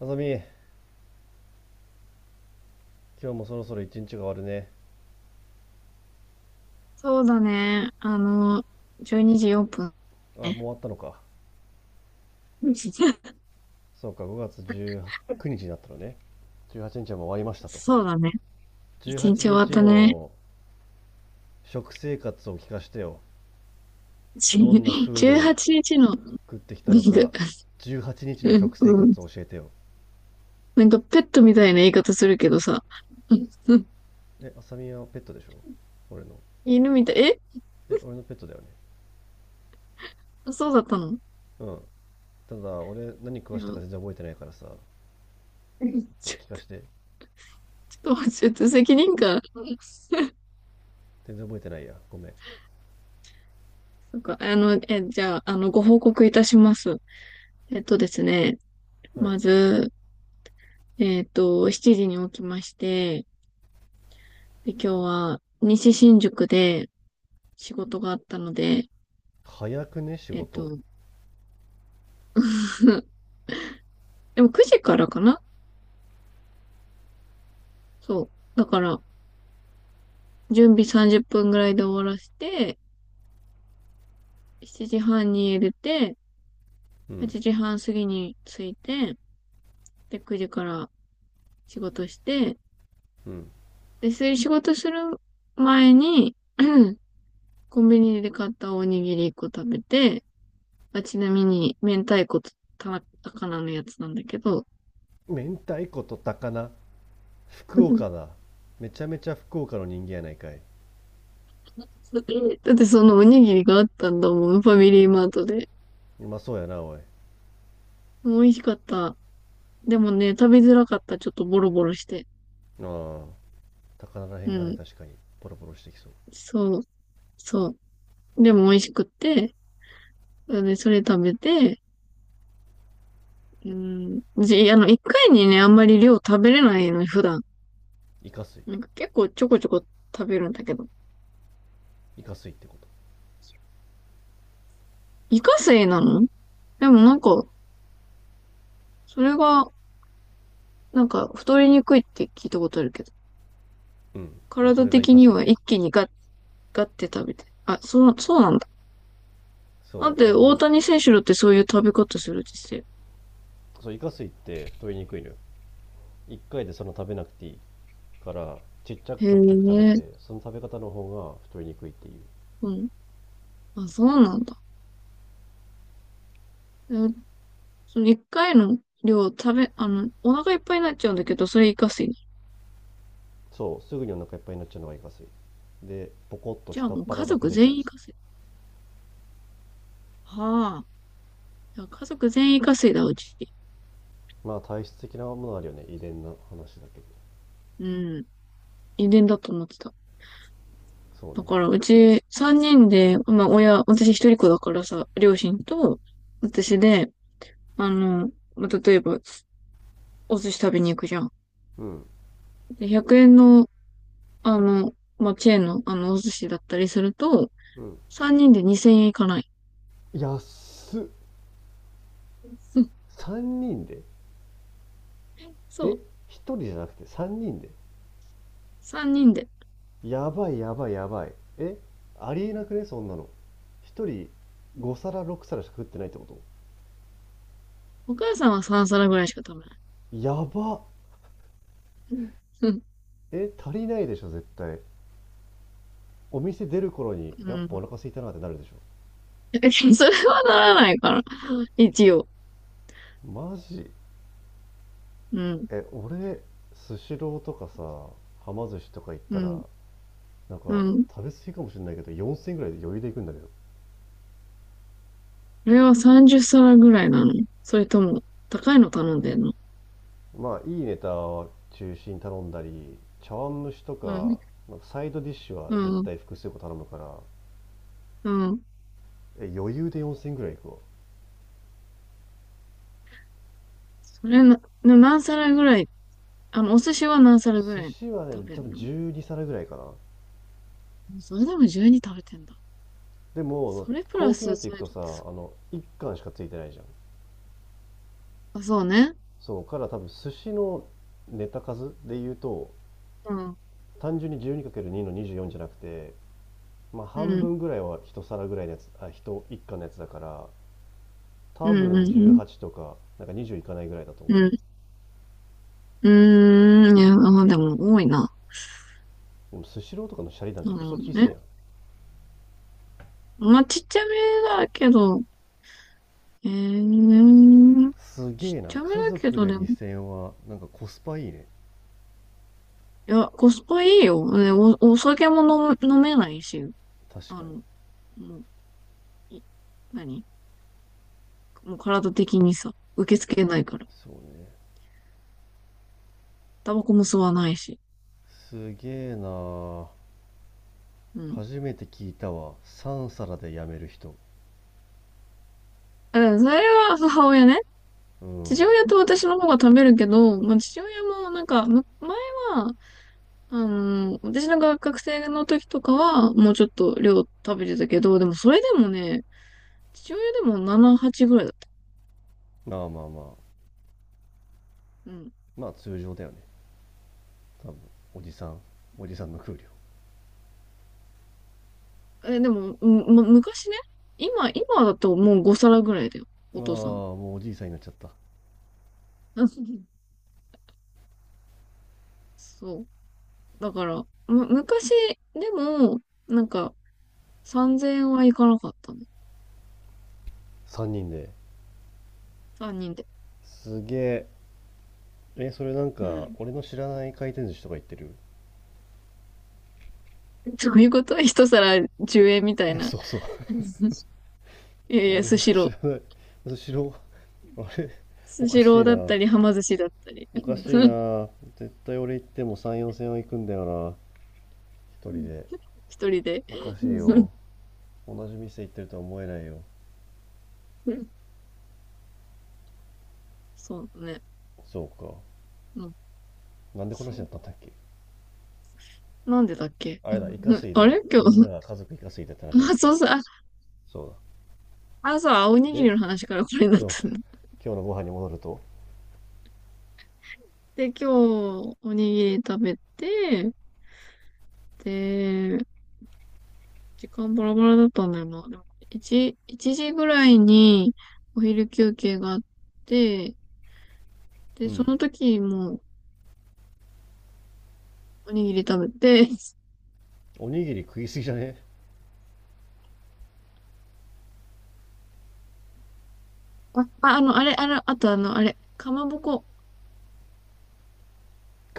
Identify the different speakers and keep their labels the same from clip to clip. Speaker 1: あさみ、今日もそろそろ一日が終わるね。
Speaker 2: そうだね。12時4分。
Speaker 1: あ、もう終わったのか。そうか、5月19日にちになったのね。18日はちにちはもう終わりましたと。
Speaker 2: そうだね。一
Speaker 1: 18
Speaker 2: 日終わっ
Speaker 1: 日
Speaker 2: たね。
Speaker 1: の食生活を聞かしてよ。どんな フード
Speaker 2: 18
Speaker 1: を
Speaker 2: 日の
Speaker 1: 食ってきたの
Speaker 2: ビング。
Speaker 1: か、18日の
Speaker 2: うん
Speaker 1: 食生
Speaker 2: うん。
Speaker 1: 活を教えてよ。
Speaker 2: なんかペットみたいな言い方するけどさ。うんうん。
Speaker 1: え、あさみはペットでしょ俺の。
Speaker 2: 犬みたい。
Speaker 1: え、俺のペットだよね。
Speaker 2: あ、そうだったの。
Speaker 1: うん。ただ、俺何食
Speaker 2: い
Speaker 1: わ
Speaker 2: や、
Speaker 1: したか全然覚えてないからさ、と
Speaker 2: ち
Speaker 1: 聞か
Speaker 2: ょ
Speaker 1: して。
Speaker 2: ちょっと待って、ちょっと責任感。
Speaker 1: 全然覚えてないや。ごめん。
Speaker 2: そっか、じゃあ、ご報告いたします。えっとですね、
Speaker 1: はい。
Speaker 2: まず、7時に起きまして、で、今日は西新宿で、仕事があったので、
Speaker 1: 早くね、仕
Speaker 2: えっ
Speaker 1: 事。
Speaker 2: と、でも9時からかな。そう。だから、準備30分ぐらいで終わらせて、7時半に入れて、
Speaker 1: うん。
Speaker 2: 8時半過ぎに着いて、で、9時から仕事して、
Speaker 1: うん。
Speaker 2: で、そういう仕事する前に、コンビニで買ったおにぎり1個食べて、まあ、ちなみに、明太子と田魚のやつなんだけど、
Speaker 1: 明太子と高菜、福岡 だ。めちゃめちゃ福岡の人間やないかい。
Speaker 2: だってそのおにぎりがあったんだもん、ファミリーマートで。
Speaker 1: うまそうやなおい。
Speaker 2: 美味しかった。でもね、食べづらかった。ちょっとボロボロして。
Speaker 1: ああ、高菜らへ
Speaker 2: う
Speaker 1: んがね、
Speaker 2: ん。
Speaker 1: 確かにポロポロしてきそう。
Speaker 2: そう、そう。でも美味しくって、で、それ食べて、うん。じ、あの、一回にね、あんまり量食べれないの、普段。
Speaker 1: イカ水。
Speaker 2: なんか結構ちょこちょこ食べるんだけど。
Speaker 1: イカ水ってこと？
Speaker 2: イカセイなの。でもなんか、それが、なんか、太りにくいって聞いたことあるけど。
Speaker 1: うん、まあそ
Speaker 2: 体
Speaker 1: れがイ
Speaker 2: 的
Speaker 1: カ
Speaker 2: に
Speaker 1: 水
Speaker 2: は
Speaker 1: で
Speaker 2: 一
Speaker 1: す。
Speaker 2: 気にガッ、ガッて食べて。あ、そう、そうなんだ。だっ
Speaker 1: そう、
Speaker 2: て、大谷選手だってそういう食べ方するって言って
Speaker 1: そうイカ水って太りにくいのよ。1回でその食べなくていいから、ちっちゃ
Speaker 2: た
Speaker 1: く
Speaker 2: よ。
Speaker 1: ちょくちょく食べ
Speaker 2: へ
Speaker 1: て、
Speaker 2: え、
Speaker 1: その食べ方の方が太りにくいっていう。
Speaker 2: うん。あ、そうなんだ。その一回の量食べ、お腹いっぱいになっちゃうんだけど、それイカ水。
Speaker 1: そう、すぐにお腹いっぱいになっちゃうのがイカ水で、ポコッと
Speaker 2: じゃあ
Speaker 1: 下っ
Speaker 2: もう
Speaker 1: 腹
Speaker 2: 家
Speaker 1: だけ
Speaker 2: 族
Speaker 1: 出ちゃ
Speaker 2: 全
Speaker 1: う。
Speaker 2: 員イカ水。はあ。じゃあ家族全員イカ水だ、うち。
Speaker 1: まあ、体質的なものあるよね、遺伝な話だけど。
Speaker 2: うん。遺伝だと思ってた。
Speaker 1: そう
Speaker 2: だ
Speaker 1: ね。
Speaker 2: から、うち三人で、まあ親、私一人っ子だからさ、両親と私で、例えば、お寿司食べに行くじゃん。
Speaker 1: うん
Speaker 2: で、100円の、あの、チェーンの、お寿司だったりすると、
Speaker 1: うん。
Speaker 2: 三人で2000円いかない。
Speaker 1: 安っ。
Speaker 2: うん、
Speaker 1: 3人で？
Speaker 2: そ
Speaker 1: え、
Speaker 2: う。
Speaker 1: 1人じゃなくて3人で？
Speaker 2: 三人で。
Speaker 1: やばいやばいやばい、え、ありえなくねそんなの。1人5皿6皿しか食ってないってこと？
Speaker 2: お母さんは3皿ぐらいしか食べない。
Speaker 1: やばっ。
Speaker 2: うん。うん。
Speaker 1: え、足りないでしょ絶対。お店出る頃に
Speaker 2: う
Speaker 1: やっぱお
Speaker 2: ん。
Speaker 1: 腹空いたなってなるでしょ？
Speaker 2: それはならないから。一応。
Speaker 1: マジ？
Speaker 2: うん。
Speaker 1: え、俺スシローとかさ、はま寿司とか行っ
Speaker 2: う
Speaker 1: たら、
Speaker 2: ん。
Speaker 1: なん
Speaker 2: う
Speaker 1: か
Speaker 2: ん。こ
Speaker 1: 食べ過ぎかもしれないけど4000円ぐらいで余裕で行くんだけど。
Speaker 2: れは30皿ぐらいなの？それとも、高いの頼んでんの？
Speaker 1: まあいいネタを中心に頼んだり茶碗蒸しと
Speaker 2: う
Speaker 1: か、
Speaker 2: ん。
Speaker 1: なんかサイドディッシュは
Speaker 2: う
Speaker 1: 絶
Speaker 2: ん。
Speaker 1: 対複数個頼むから、
Speaker 2: うん。
Speaker 1: え、余裕で4000ぐらいいくわ。
Speaker 2: それな、な何皿ぐらい、お寿司は何皿ぐ
Speaker 1: 寿
Speaker 2: らい
Speaker 1: 司は
Speaker 2: 食
Speaker 1: ね、
Speaker 2: べ
Speaker 1: 多
Speaker 2: る
Speaker 1: 分
Speaker 2: の？
Speaker 1: 12皿ぐらいかな。
Speaker 2: それでも12食べてんだ。
Speaker 1: でも
Speaker 2: それプラ
Speaker 1: 高級なや
Speaker 2: ス
Speaker 1: つ行
Speaker 2: サイ
Speaker 1: く
Speaker 2: ドって
Speaker 1: とさ、あ
Speaker 2: すご
Speaker 1: の一貫しかついてないじゃん。
Speaker 2: い。あ、そうね。
Speaker 1: そうから多分寿司のネタ数で言うと、
Speaker 2: うん。
Speaker 1: 単純に12かける2の24じゅうよんじゃなくて、まあ、
Speaker 2: う
Speaker 1: 半
Speaker 2: ん。
Speaker 1: 分ぐらいは1皿ぐらいのやつ、あ1、1貫のやつだから、
Speaker 2: う
Speaker 1: 多
Speaker 2: ん。う
Speaker 1: 分
Speaker 2: ん。
Speaker 1: 18とかなんか20いかないぐらいだと思
Speaker 2: う
Speaker 1: う。
Speaker 2: ん。うん。うーん。いや、あ、でも多いな。
Speaker 1: スシローとかのシャリなん
Speaker 2: な
Speaker 1: て
Speaker 2: る
Speaker 1: ク
Speaker 2: ほ
Speaker 1: ソ
Speaker 2: ど
Speaker 1: 小さ
Speaker 2: ね。
Speaker 1: いやん。
Speaker 2: まあ、ちっちゃめだけど、えー、
Speaker 1: すげ
Speaker 2: ち
Speaker 1: え
Speaker 2: っ
Speaker 1: な、
Speaker 2: ちゃめ
Speaker 1: 家
Speaker 2: だけ
Speaker 1: 族
Speaker 2: ど。
Speaker 1: で
Speaker 2: でも、い
Speaker 1: 2000はなんかコスパいいね。
Speaker 2: や、コスパいいよ。ね、お酒も飲む、飲めないし、
Speaker 1: 確
Speaker 2: あ
Speaker 1: かに。
Speaker 2: の、もう、い、何もう体的にさ、受け付けないから。
Speaker 1: そうね。
Speaker 2: タバコも吸わないし。
Speaker 1: すげえな。
Speaker 2: うん。
Speaker 1: 初めて聞いたわ、3皿でやめる人。
Speaker 2: だからそれは母親ね。
Speaker 1: う
Speaker 2: 父
Speaker 1: ん。
Speaker 2: 親と私の方が食べるけど、まあ、父親もなんか、前は、私の学生の時とかは、もうちょっと量食べてたけど、でもそれでもね、父親でも7、8ぐらいだった。
Speaker 1: まあまあまあ、
Speaker 2: うん。
Speaker 1: まあ通常だよね多分。おじさんおじさんの給量。
Speaker 2: え、でも、昔ね、今だともう5皿ぐらいだよ。
Speaker 1: ああ、
Speaker 2: お父さん。
Speaker 1: もうおじいさんになっちゃった。
Speaker 2: うん、そう。だから、昔でも、なんか、3000円はいかなかったね。
Speaker 1: 3人で？
Speaker 2: 3人で。
Speaker 1: すげえ。え、それなん
Speaker 2: う
Speaker 1: か
Speaker 2: ん。
Speaker 1: 俺の知らない回転寿司とか言ってる。
Speaker 2: どういうこと？ 一皿10円みた
Speaker 1: い
Speaker 2: い
Speaker 1: や、
Speaker 2: な。
Speaker 1: そうそう。
Speaker 2: うん。いやいや、
Speaker 1: 俺
Speaker 2: ス
Speaker 1: が
Speaker 2: シロ
Speaker 1: 知
Speaker 2: ー。
Speaker 1: らないスシロー。 あれ、お
Speaker 2: ス
Speaker 1: か
Speaker 2: シ
Speaker 1: し
Speaker 2: ロー
Speaker 1: い
Speaker 2: だっ
Speaker 1: な。
Speaker 2: たり、はま寿司だったり。
Speaker 1: おかしい
Speaker 2: うん、
Speaker 1: な。絶対俺行っても3、4戦は行くんだよな。一人で。
Speaker 2: 一人で。
Speaker 1: おか
Speaker 2: う
Speaker 1: しい
Speaker 2: ん。
Speaker 1: よ。同じ店行ってるとは思えないよ。
Speaker 2: そうね。
Speaker 1: そうか。
Speaker 2: うん。
Speaker 1: なんでこの話
Speaker 2: そ
Speaker 1: だっ
Speaker 2: う。
Speaker 1: たんだっけ？
Speaker 2: なんでだっけ？
Speaker 1: あ
Speaker 2: う
Speaker 1: れだ、イカス
Speaker 2: ん。
Speaker 1: イ
Speaker 2: あ
Speaker 1: で、
Speaker 2: れ、今
Speaker 1: みん
Speaker 2: 日、
Speaker 1: なが家族イカスイでって話にな
Speaker 2: ま
Speaker 1: っ
Speaker 2: あ、
Speaker 1: た
Speaker 2: そ
Speaker 1: の。
Speaker 2: うそう。あ、
Speaker 1: そう
Speaker 2: 朝
Speaker 1: だ。
Speaker 2: はおにぎり
Speaker 1: で、
Speaker 2: の話からこれになっ
Speaker 1: 今日、
Speaker 2: たんだ。
Speaker 1: 今日のご飯に戻ると、
Speaker 2: で、今日、おにぎり食べて、で、時間バラバラだったんだよな。でも、1、時ぐらいにお昼休憩があって、
Speaker 1: う
Speaker 2: で、そ
Speaker 1: ん。
Speaker 2: の時もおにぎり食べて、
Speaker 1: おにぎり食いすぎじゃね？
Speaker 2: あ、あの、あれ、あれ、あとあの、あれ、かまぼこ。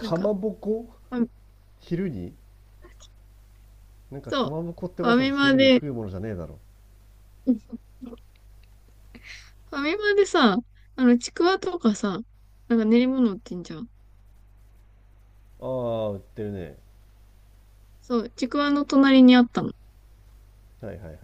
Speaker 2: なん
Speaker 1: ま
Speaker 2: か、
Speaker 1: ぼこ。
Speaker 2: ファ
Speaker 1: 昼になんか
Speaker 2: そ
Speaker 1: か
Speaker 2: う、
Speaker 1: まぼこって
Speaker 2: フ
Speaker 1: わ
Speaker 2: ァ
Speaker 1: ざわ
Speaker 2: ミ
Speaker 1: ざ
Speaker 2: マ
Speaker 1: 昼に
Speaker 2: で、
Speaker 1: 食うものじゃねえだろ。
Speaker 2: ファミマでさ、ちくわとかさ、なんか練り物売ってんじゃん。
Speaker 1: ああ、売ってるね。
Speaker 2: そう、ちくわの隣にあったの。
Speaker 1: はいはいはい。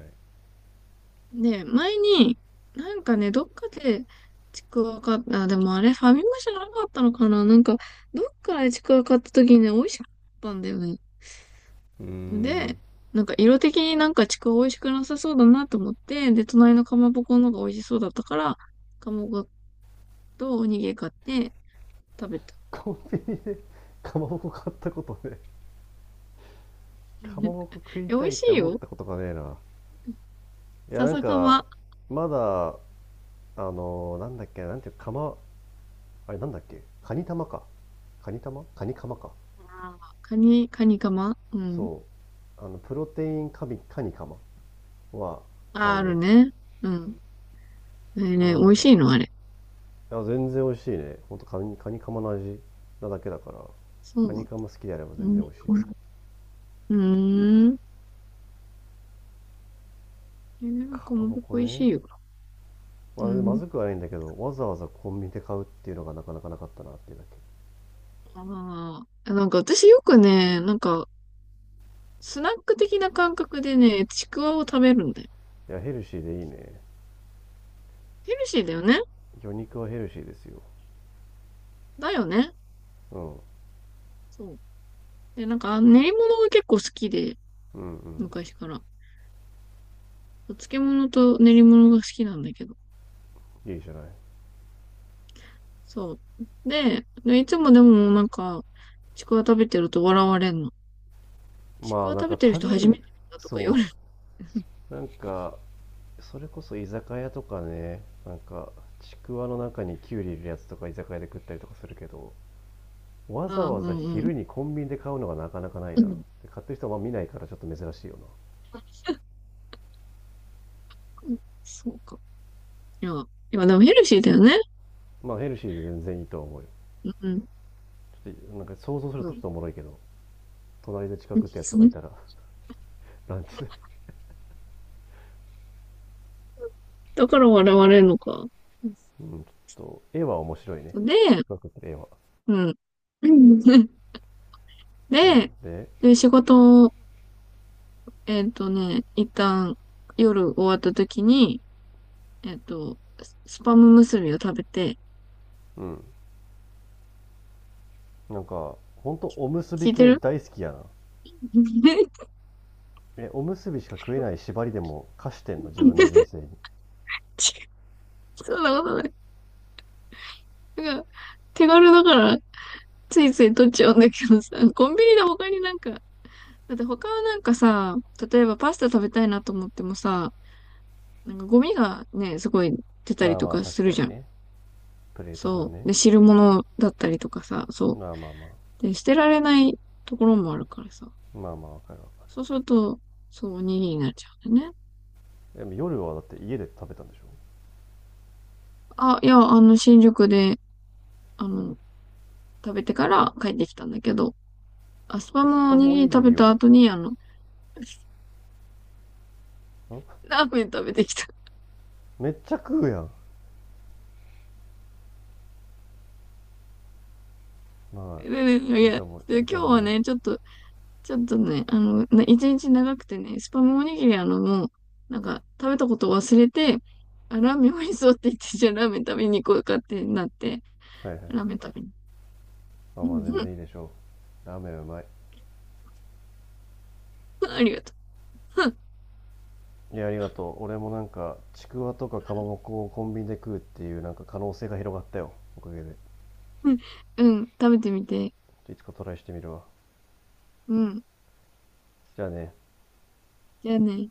Speaker 2: ね、前に、なんかね、どっかで、ちくわ買った、あ、でもあれ、ファミマじゃなかったのかな、なんか、どっかでちくわ買った時にね、美味しかったんだよね。
Speaker 1: うーん。
Speaker 2: で、なんか色的になんかちくわ美味しくなさそうだなと思って、で、隣のかまぼこの方が美味しそうだったから、かまぼことおにぎり買って食べた。
Speaker 1: コンビニで かまぼこ買ったことね、
Speaker 2: うん。
Speaker 1: か まぼこ食い
Speaker 2: え、美
Speaker 1: た
Speaker 2: 味
Speaker 1: いっ
Speaker 2: し
Speaker 1: て
Speaker 2: い
Speaker 1: 思っ
Speaker 2: よ。
Speaker 1: たことがねえな。いや、なん
Speaker 2: 笹か
Speaker 1: か、
Speaker 2: ま。
Speaker 1: まだなんだっけ、なんていうか、あれなんだっけ、カニ玉かカニ玉カニカマか。
Speaker 2: あー、カニかま。うん。
Speaker 1: そう、あのプロテインカミカニカマは買
Speaker 2: あー、あ
Speaker 1: う
Speaker 2: る
Speaker 1: ね。
Speaker 2: ね。うん。えー
Speaker 1: た
Speaker 2: ね、
Speaker 1: だ
Speaker 2: 美
Speaker 1: なん
Speaker 2: 味
Speaker 1: かい
Speaker 2: しいのあれ。
Speaker 1: や、全然美味しいね、ほんとカニカニカマの味なだけだから。
Speaker 2: そ
Speaker 1: カ
Speaker 2: うな
Speaker 1: ニ
Speaker 2: の。
Speaker 1: カマ好きであれば
Speaker 2: う
Speaker 1: 全然
Speaker 2: ん。
Speaker 1: 美味しい。
Speaker 2: うーん。なん
Speaker 1: か
Speaker 2: か
Speaker 1: ま
Speaker 2: もう
Speaker 1: ぼこ
Speaker 2: 美味し
Speaker 1: ね、
Speaker 2: いよ。
Speaker 1: まあ、
Speaker 2: う
Speaker 1: ま
Speaker 2: ん。
Speaker 1: ずくはないんだけど、わざわざコンビニで買うっていうのがなかなかなかったなっていうだけ。
Speaker 2: ああ。なんか私よくね、なんか、スナック的な感覚でね、ちくわを食べるんだよ。
Speaker 1: いや、ヘルシーでいいね。
Speaker 2: ヘルシーだよね。
Speaker 1: 魚肉はヘルシーですよ。
Speaker 2: だよね。
Speaker 1: うん。うん
Speaker 2: そう。で、なんか、練り物が結構好きで、
Speaker 1: う
Speaker 2: 昔から。お漬物と練り物が好きなんだけど。
Speaker 1: ん。いいじゃない。
Speaker 2: そう。で、いつもでもなんか、ちくわ食べてると笑われんの。ち
Speaker 1: ま
Speaker 2: く
Speaker 1: あ、
Speaker 2: わ
Speaker 1: なん
Speaker 2: 食べ
Speaker 1: か
Speaker 2: てる人
Speaker 1: 食べ
Speaker 2: 初め
Speaker 1: る、
Speaker 2: て見たとか言
Speaker 1: そ
Speaker 2: われる。
Speaker 1: う。なんか、それこそ居酒屋とかね、なんか、ちくわの中にキュウリ入れるやつとか居酒屋で食ったりとかするけど、わ
Speaker 2: あ
Speaker 1: ざ
Speaker 2: あ、う
Speaker 1: わざ
Speaker 2: んうん。
Speaker 1: 昼にコンビニで買うのがなかなかない
Speaker 2: う
Speaker 1: な。
Speaker 2: ん。
Speaker 1: で、買ってる人はまあ見ないからちょっと珍しいよな。
Speaker 2: そうか。いや、いや、でもヘルシーだよね。
Speaker 1: まあ、ヘルシーで全然いいとは思うよ。
Speaker 2: うん。
Speaker 1: ちょっと、なんか想像するとちょっとおもろいけど。隣で近くってやつとかいた ら、ランチで
Speaker 2: だから笑われるのか。
Speaker 1: うん、ちょっと、絵は面白いね。
Speaker 2: で、
Speaker 1: 近くって絵は。
Speaker 2: うん。
Speaker 1: うん。
Speaker 2: で、
Speaker 1: で、
Speaker 2: で、仕事を、一旦夜終わった時に、スパム結びを食べて、
Speaker 1: うん。なんか、ほんとおむすび
Speaker 2: 聞いて
Speaker 1: 系
Speaker 2: る？
Speaker 1: 大好きやな。え、おむすびしか食えない縛りでも貸してんの自分の人生に？
Speaker 2: そんなことない。なんか、手軽だから、ついつい取っちゃうんだけどさ、コンビニで他になんか、だって他はなんかさ、例えばパスタ食べたいなと思ってもさ、なんかゴミがね、すごい出た
Speaker 1: ま
Speaker 2: り
Speaker 1: あ
Speaker 2: と
Speaker 1: まあ、
Speaker 2: かす
Speaker 1: 確
Speaker 2: る
Speaker 1: か
Speaker 2: じゃ
Speaker 1: に
Speaker 2: ん。
Speaker 1: ね。プレート分
Speaker 2: そ
Speaker 1: ね。
Speaker 2: う。で、汁物だったりとかさ、そ
Speaker 1: まあまあまあ。
Speaker 2: う。で、捨てられないところもあるからさ。
Speaker 1: まあまあ、わかるわかる。
Speaker 2: そうすると、そう、おにぎりになっちゃうんだよね。
Speaker 1: でも夜はだって家で食べたんでしょ？
Speaker 2: あ、いや、新宿で、あの、食べてから帰ってきたんだけど、アスパ
Speaker 1: エス
Speaker 2: ムお
Speaker 1: パ
Speaker 2: に
Speaker 1: ム
Speaker 2: ぎ
Speaker 1: お
Speaker 2: り
Speaker 1: にぎ
Speaker 2: 食べ
Speaker 1: り
Speaker 2: た
Speaker 1: を。
Speaker 2: 後に、ラーメン食べてきた。
Speaker 1: めっちゃ食うやん。ま
Speaker 2: で、ね、
Speaker 1: あ、
Speaker 2: い
Speaker 1: いい
Speaker 2: や、
Speaker 1: と思う、
Speaker 2: で、
Speaker 1: いいと
Speaker 2: 今日
Speaker 1: 思う
Speaker 2: は
Speaker 1: よ。
Speaker 2: ね、ちょっと、ちょっとね、一日長くてね、スパムおにぎりなんか、食べたことを忘れて、あ、ラーメン美味しそうって言って、じゃあラーメン食べに行こうかってなって、
Speaker 1: はいはいはい。
Speaker 2: ラーメン食べに。
Speaker 1: まあ
Speaker 2: う
Speaker 1: まあ、
Speaker 2: ん。
Speaker 1: 全然 いいでしょう。ラーメンうまい。
Speaker 2: ありがとう。
Speaker 1: いや、ありがとう。俺もなんか、ちくわとかかまぼこをコンビニで食うっていうなんか可能性が広がったよ。おかげで。
Speaker 2: うん。うん。食べてみて。
Speaker 1: いつかトライしてみるわ。
Speaker 2: うん。
Speaker 1: じゃあね。
Speaker 2: じゃあね。